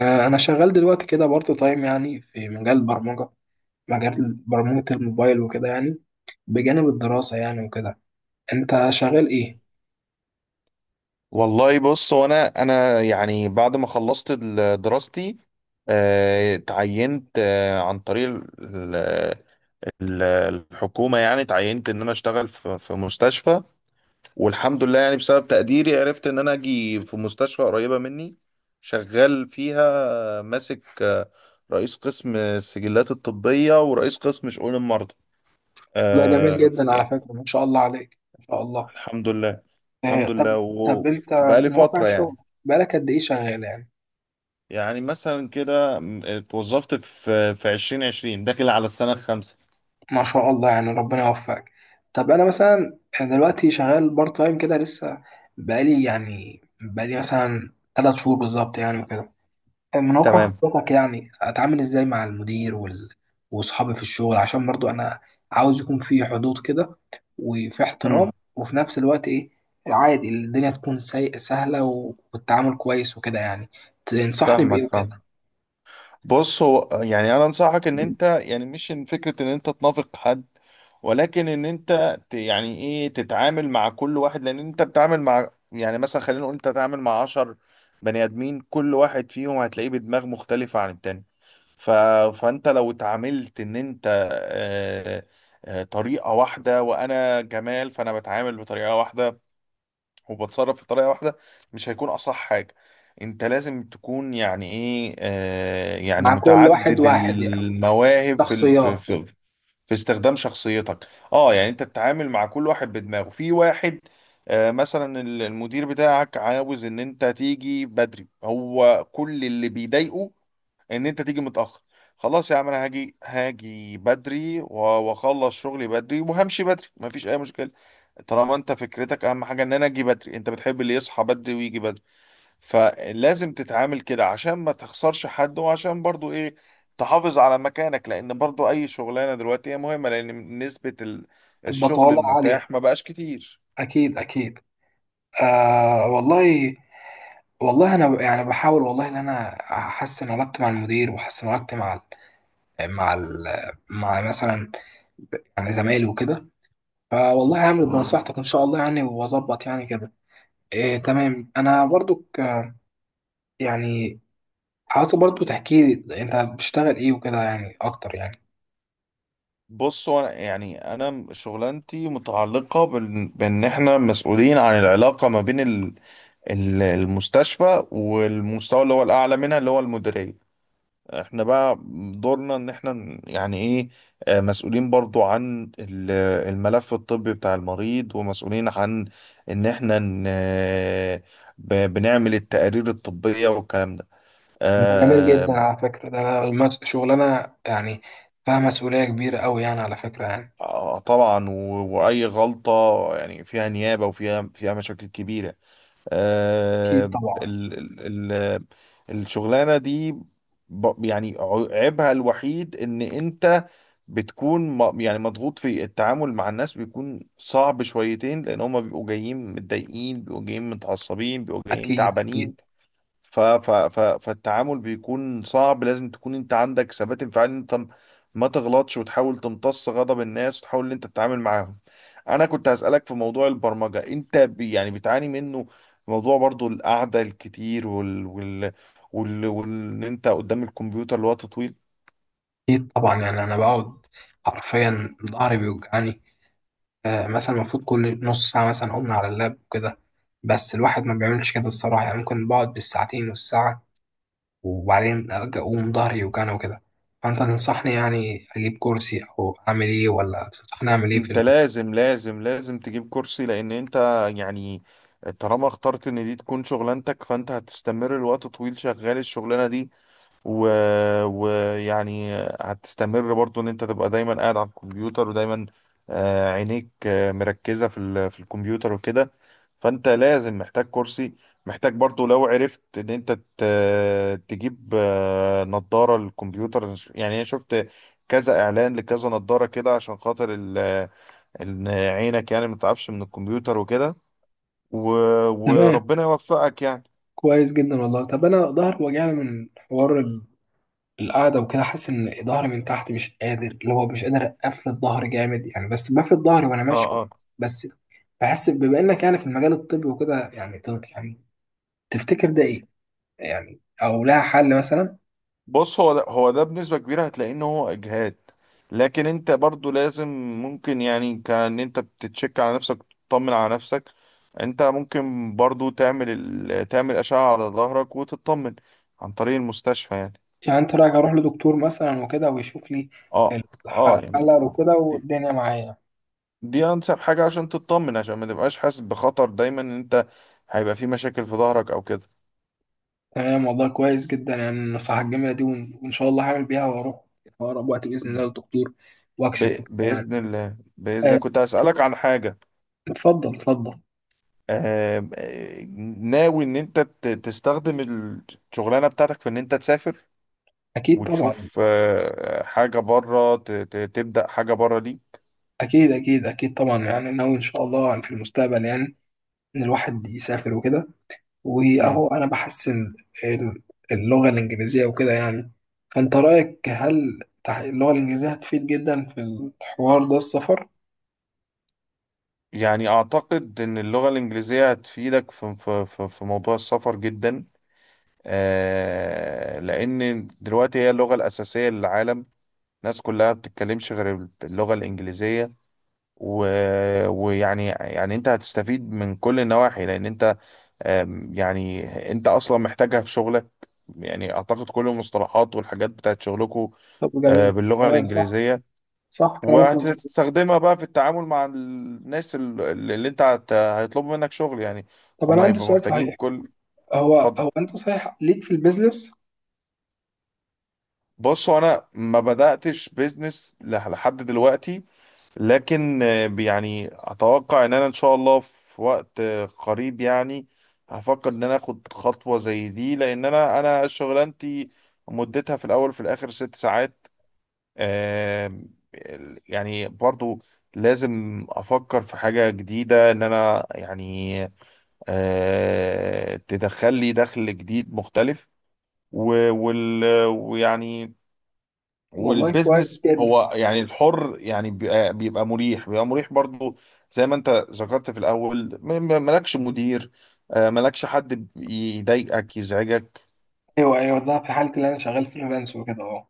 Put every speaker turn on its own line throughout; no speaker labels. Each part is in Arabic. أنا شغال دلوقتي كده بارت تايم يعني في مجال البرمجة، مجال برمجة الموبايل وكده يعني، بجانب الدراسة يعني وكده. أنت شغال إيه؟
والله، بص هو انا يعني بعد ما خلصت دراستي، اتعينت عن طريق ال- الحكومة، يعني اتعينت ان انا اشتغل في مستشفى، والحمد لله، يعني بسبب تقديري عرفت ان انا اجي في مستشفى قريبة مني، شغال فيها. ماسك رئيس قسم السجلات الطبية ورئيس قسم شؤون المرضى
ده جميل
آه،
جدا على
يعني
فكرة، ما شاء الله عليك، ما شاء الله.
الحمد لله،
آه،
الحمد
طب
لله،
طب أنت
وبقالي
من واقع
فترة
الشغل،
يعني.
بقالك قد إيه شغال يعني؟
يعني مثلا كده اتوظفت في 2020، داخل على السنة الخامسة.
ما شاء الله، يعني ربنا يوفقك. طب أنا مثلا دلوقتي شغال بارت تايم كده لسه، بقالي مثلا 3 شهور بالظبط يعني وكده. من واقع
تمام.
خبرتك يعني اتعامل ازاي مع المدير واصحابي في الشغل، عشان برضو انا عاوز يكون في حدود كده، وفي احترام،
امم.
وفي نفس الوقت ايه، عادي الدنيا تكون سهلة والتعامل كويس وكده يعني. تنصحني بايه
فاهمك،
وكده؟
فاهم. بص هو يعني انا انصحك ان انت، يعني مش ان فكره ان انت تنافق حد، ولكن ان انت يعني ايه تتعامل مع كل واحد، لان انت بتتعامل مع، يعني مثلا خلينا نقول، انت تتعامل مع 10 بني ادمين، كل واحد فيهم هتلاقيه بدماغ مختلفه عن التاني. ف... فانت لو اتعاملت ان انت آه، طريقه واحده، وانا جمال فانا بتعامل بطريقه واحده وبتصرف في طريقة واحدة، مش هيكون أصح حاجة. انت لازم تكون، يعني ايه، يعني
مع كل واحد
متعدد
واحد يعني،
المواهب في ال- في
شخصيات.
في في استخدام شخصيتك. اه، يعني انت تتعامل مع كل واحد بدماغه في واحد. مثلا المدير بتاعك عاوز ان انت تيجي بدري، هو كل اللي بيضايقه ان انت تيجي متأخر. خلاص يا عم، انا هاجي بدري واخلص شغلي بدري وهمشي بدري، مفيش اي مشكلة. طالما انت فكرتك اهم حاجة ان انا اجي بدري، انت بتحب اللي يصحى بدري ويجي بدري، فلازم تتعامل كده عشان ما تخسرش حد، وعشان برضو ايه، تحافظ على مكانك، لان برضو اي شغلانة دلوقتي هي مهمة، لان نسبة الشغل
البطالة عالية،
المتاح ما بقاش كتير.
اكيد اكيد. آه والله، والله انا يعني بحاول والله ان انا احسن علاقتي مع المدير، واحسن علاقتي مع ال- مع مثلا يعني زمايلي وكده. فوالله هعمل بنصيحتك ان شاء الله يعني، واظبط يعني كده. إيه تمام، انا برضو يعني عايز برضو تحكي لي انت بتشتغل ايه وكده يعني اكتر يعني.
بص هو يعني انا شغلانتي متعلقة بان احنا مسؤولين عن العلاقة ما بين المستشفى والمستوى اللي هو الاعلى منها، اللي هو المديرية. احنا بقى دورنا ان احنا يعني ايه، مسؤولين برضو عن الملف الطبي بتاع المريض، ومسؤولين عن ان احنا بنعمل التقارير الطبية والكلام ده
ده جميل
آه،
جدا على فكرة، ده شغلانة يعني فيها مسؤولية كبيرة قوي يعني، على فكرة يعني.
طبعا، واي غلطة يعني فيها نيابة، وفيها مشاكل كبيرة آه،
اكيد طبعا.
ال- ال- ال- الشغلانة دي، يعني عيبها الوحيد ان انت بتكون يعني مضغوط، في التعامل مع الناس بيكون صعب شويتين، لان هما بيبقوا جايين متضايقين، بيبقوا جايين متعصبين، بيبقوا جايين
اكيد اكيد
تعبانين. ف ف ف فالتعامل بيكون صعب، لازم تكون انت عندك ثبات انفعالي، إن انت ما تغلطش وتحاول تمتص غضب الناس، وتحاول ان انت تتعامل معاهم. انا كنت هسألك في موضوع البرمجة، انت يعني بتعاني منه؟ موضوع برضو القعدة الكتير، وال وال وال وان انت قدام الكمبيوتر لوقت طويل.
اكيد طبعا، يعني انا بقعد حرفيا ظهري بيوجعني. مثلا المفروض كل نص ساعة مثلا اقوم على اللاب وكده، بس الواحد ما بيعملش كده الصراحة يعني، ممكن بقعد بالساعتين والساعة، وبعدين أقوم ظهري يوجعني وكده. فأنت تنصحني يعني أجيب كرسي أو أعمل إيه، ولا تنصحني أعمل إيه
انت لازم لازم لازم تجيب كرسي، لان انت يعني طالما اخترت ان دي تكون شغلانتك، فانت هتستمر لوقت طويل شغال الشغلانه دي، و... ويعني هتستمر برضو ان انت تبقى دايما قاعد على الكمبيوتر، ودايما عينيك مركزه في الكمبيوتر وكده. فانت لازم، محتاج كرسي، محتاج برضو لو عرفت ان انت ت... تجيب نظاره للكمبيوتر، يعني انا شفت كذا اعلان لكذا نظاره كده، عشان خاطر ان عينك يعني ما تعبش من الكمبيوتر وكده. و...
تمام،
وربنا يوفقك يعني.
كويس جدا والله. طب انا ظهري وجعني من حوار القعده وكده، حاسس ان ظهري من تحت مش قادر، اللي هو مش قادر افرد ظهري جامد يعني، بس بفرد ظهري وانا ماشي
اه، اه.
كويس بس. بحس بما انك يعني في المجال الطبي وكده يعني، يعني تفتكر ده ايه يعني، او لها حل مثلا؟
بص هو ده، هو ده بنسبة كبيرة هتلاقي ان هو اجهاد، لكن انت برضو لازم، ممكن يعني كان انت بتتشك على نفسك، تطمن على نفسك. انت ممكن برضو تعمل اشعة على ظهرك وتطمن عن طريق المستشفى يعني.
يعني انت رايك اروح لدكتور مثلا وكده، ويشوف لي
اه، اه، يعني
الحل وكده
دي
والدنيا معايا.
دي انسب حاجة عشان تطمن، عشان ما تبقاش حاسس بخطر دايما، ان انت هيبقى في مشاكل في ظهرك او كده.
تمام والله، كويس جدا يعني النصيحة الجميلة دي، وإن شاء الله هعمل بيها، وأروح في أقرب وقت بإذن الله للدكتور وأكشف وكده يعني.
بإذن الله، بإذن الله،
آه،
كنت هسألك عن حاجة.
اتفضل اتفضل.
آه... آه، ناوي إن أنت تستخدم الشغلانة بتاعتك في إن أنت تسافر
أكيد طبعا.
وتشوف حاجة بره، تبدأ حاجة بره دي.
أكيد أكيد أكيد طبعا، يعني ناوي إن شاء الله يعني في المستقبل يعني إن الواحد يسافر وكده.
مم.
وأهو أنا بحسن ال- اللغة الإنجليزية وكده يعني، فأنت رأيك هل اللغة الإنجليزية هتفيد جدا في الحوار ده، السفر؟
يعني أعتقد إن اللغة الإنجليزية هتفيدك في موضوع السفر جدا. لأن دلوقتي هي اللغة الأساسية للعالم، الناس كلها بتتكلمش غير اللغة الإنجليزية، ويعني انت هتستفيد من كل النواحي، لان انت يعني انت اصلا محتاجها في شغلك. يعني اعتقد كل المصطلحات والحاجات بتاعت شغلكم
طب جميل.
باللغة
تمام، صح.
الانجليزية،
صح كلامك مظبوط.
وهتستخدمها بقى في التعامل مع الناس اللي انت هيطلبوا منك شغل يعني.
طب
هم
أنا عندي
هيبقوا
سؤال
محتاجين
صحيح،
كل.
هو
اتفضل.
هو انت صحيح ليك في البيزنس؟
بص هو انا ما بداتش بيزنس لحد دلوقتي، لكن يعني اتوقع ان انا ان شاء الله في وقت قريب يعني هفكر ان انا اخد خطوه زي دي، لان انا شغلانتي مدتها في الاول وفي الاخر 6 ساعات. آه، يعني برضو لازم افكر في حاجه جديده ان انا يعني تدخل لي دخل جديد مختلف. و- وال- ويعني
والله كويس
والبيزنس
جدا.
هو يعني الحر، يعني بيبقى مريح برضو، زي ما انت ذكرت في الاول، مالكش مدير، مالكش حد يضايقك يزعجك.
ايوه ايوه، ده في حالة اللي انا شغال فريلانس وكده اهو.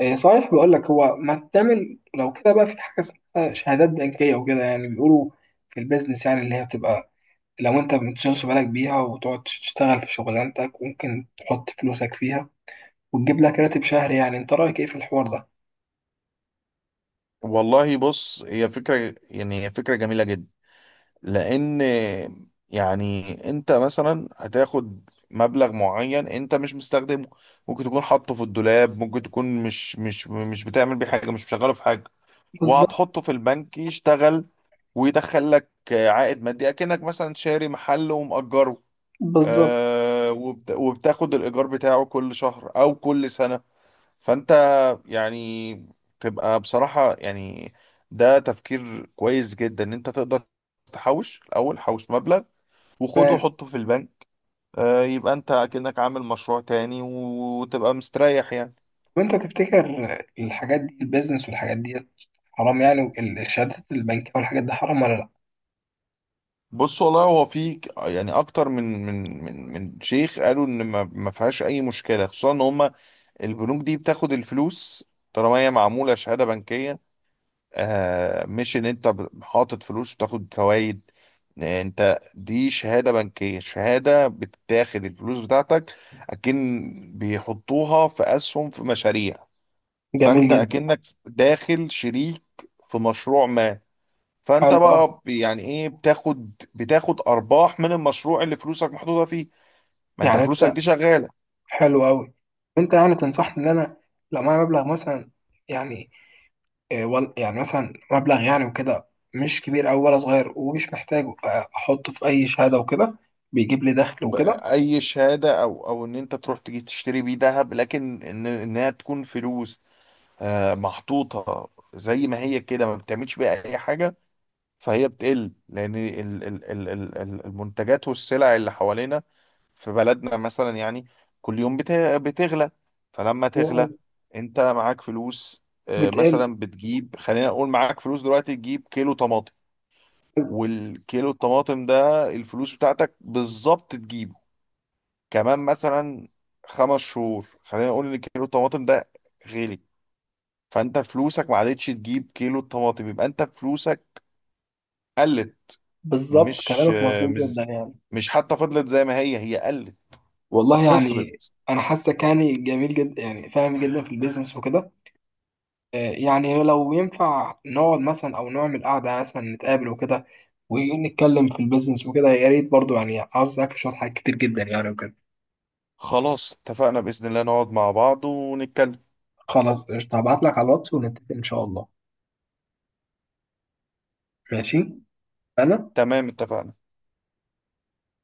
إيه صحيح، بقول لك هو ما تعمل لو كده بقى، في حاجه اسمها شهادات بنكيه وكده يعني بيقولوا في البيزنس يعني، اللي هي بتبقى لو انت ما بتشغلش بالك بيها وتقعد تشتغل في شغلانتك، ممكن تحط فلوسك فيها وتجيب لك راتب شهري. يعني انت رايك ايه في الحوار ده؟
والله بص، هي فكرة، يعني هي فكرة جميلة جدا، لان يعني انت مثلا هتاخد مبلغ معين انت مش مستخدمه، ممكن تكون حاطه في الدولاب، ممكن تكون مش بتعمل بيه حاجة، مش مشغله في حاجة،
بالظبط.
وهتحطه في البنك يشتغل، ويدخل لك عائد مادي، اكنك مثلا شاري محل ومأجره،
بالظبط.
وبتاخد الإيجار بتاعه كل شهر أو كل سنة. فأنت يعني تبقى بصراحة يعني، ده تفكير كويس جدا، إن أنت تقدر تحوش الأول، حوش مبلغ وخده
تمام.
وحطه في البنك. يبقى أنت كأنك عامل مشروع تاني، وتبقى مستريح يعني.
وانت تفتكر الحاجات دي، البيزنس والحاجات دي حرام يعني، الشهادات البنكيه والحاجات دي حرام ولا لا؟
بص والله هو في يعني اكتر من شيخ قالوا ان ما فيهاش اي مشكله، خصوصا ان هم البنوك دي بتاخد الفلوس طالما هي معمولة شهادة بنكية. مش ان انت حاطط فلوس وتاخد فوائد، انت دي شهادة بنكية، شهادة بتاخد الفلوس بتاعتك، اكن بيحطوها في اسهم في مشاريع.
جميل
فانت
جدا.
اكنك داخل شريك في مشروع ما، فانت
حلو، اه.
بقى يعني ايه، بتاخد ارباح من المشروع اللي فلوسك محطوطة فيه. ما انت
يعني
فلوسك
انت،
دي شغالة.
حلو قوي. انت يعني تنصحني ان انا لو معايا مبلغ مثلا، يعني يعني مثلا مبلغ يعني وكده، مش كبير او ولا صغير ومش محتاجه، احطه في اي شهاده وكده بيجيب لي دخل
ب-
وكده؟
اي شهاده، او ان انت تروح تجي تشتري بيه ذهب، لكن ان انها تكون فلوس محطوطه زي ما هي كده، ما بتعملش بيها اي حاجه، فهي بتقل، لان المنتجات والسلع اللي حوالينا في بلدنا مثلا يعني كل يوم بتغلى. فلما تغلى، انت معاك فلوس،
بتقل.
مثلا بتجيب، خلينا نقول معاك فلوس دلوقتي تجيب كيلو طماطم، والكيلو الطماطم ده الفلوس بتاعتك بالظبط تجيبه كمان مثلا 5 شهور، خلينا نقول ان كيلو الطماطم ده غالي، فانت فلوسك ما عادتش تجيب كيلو الطماطم، يبقى انت فلوسك قلت.
بالظبط،
مش
كلامك مظبوط جدا
مش
يعني.
مش حتى فضلت زي ما هي قلت،
والله يعني
خسرت.
انا حاسك يعني جميل جدا يعني، فاهم جدا في البيزنس وكده. يعني لو ينفع نقعد مثلا او نعمل قعده يعني، مثلا نتقابل وكده ونتكلم في البيزنس وكده يا ريت، برضو يعني عاوز اسالك في شويه حاجات كتير جدا يعني وكده.
خلاص اتفقنا بإذن الله، نقعد مع بعض ونتكلم.
خلاص قشطه، هبعت لك على الواتس ونتفق ان شاء الله. ماشي. انا
تمام، اتفقنا.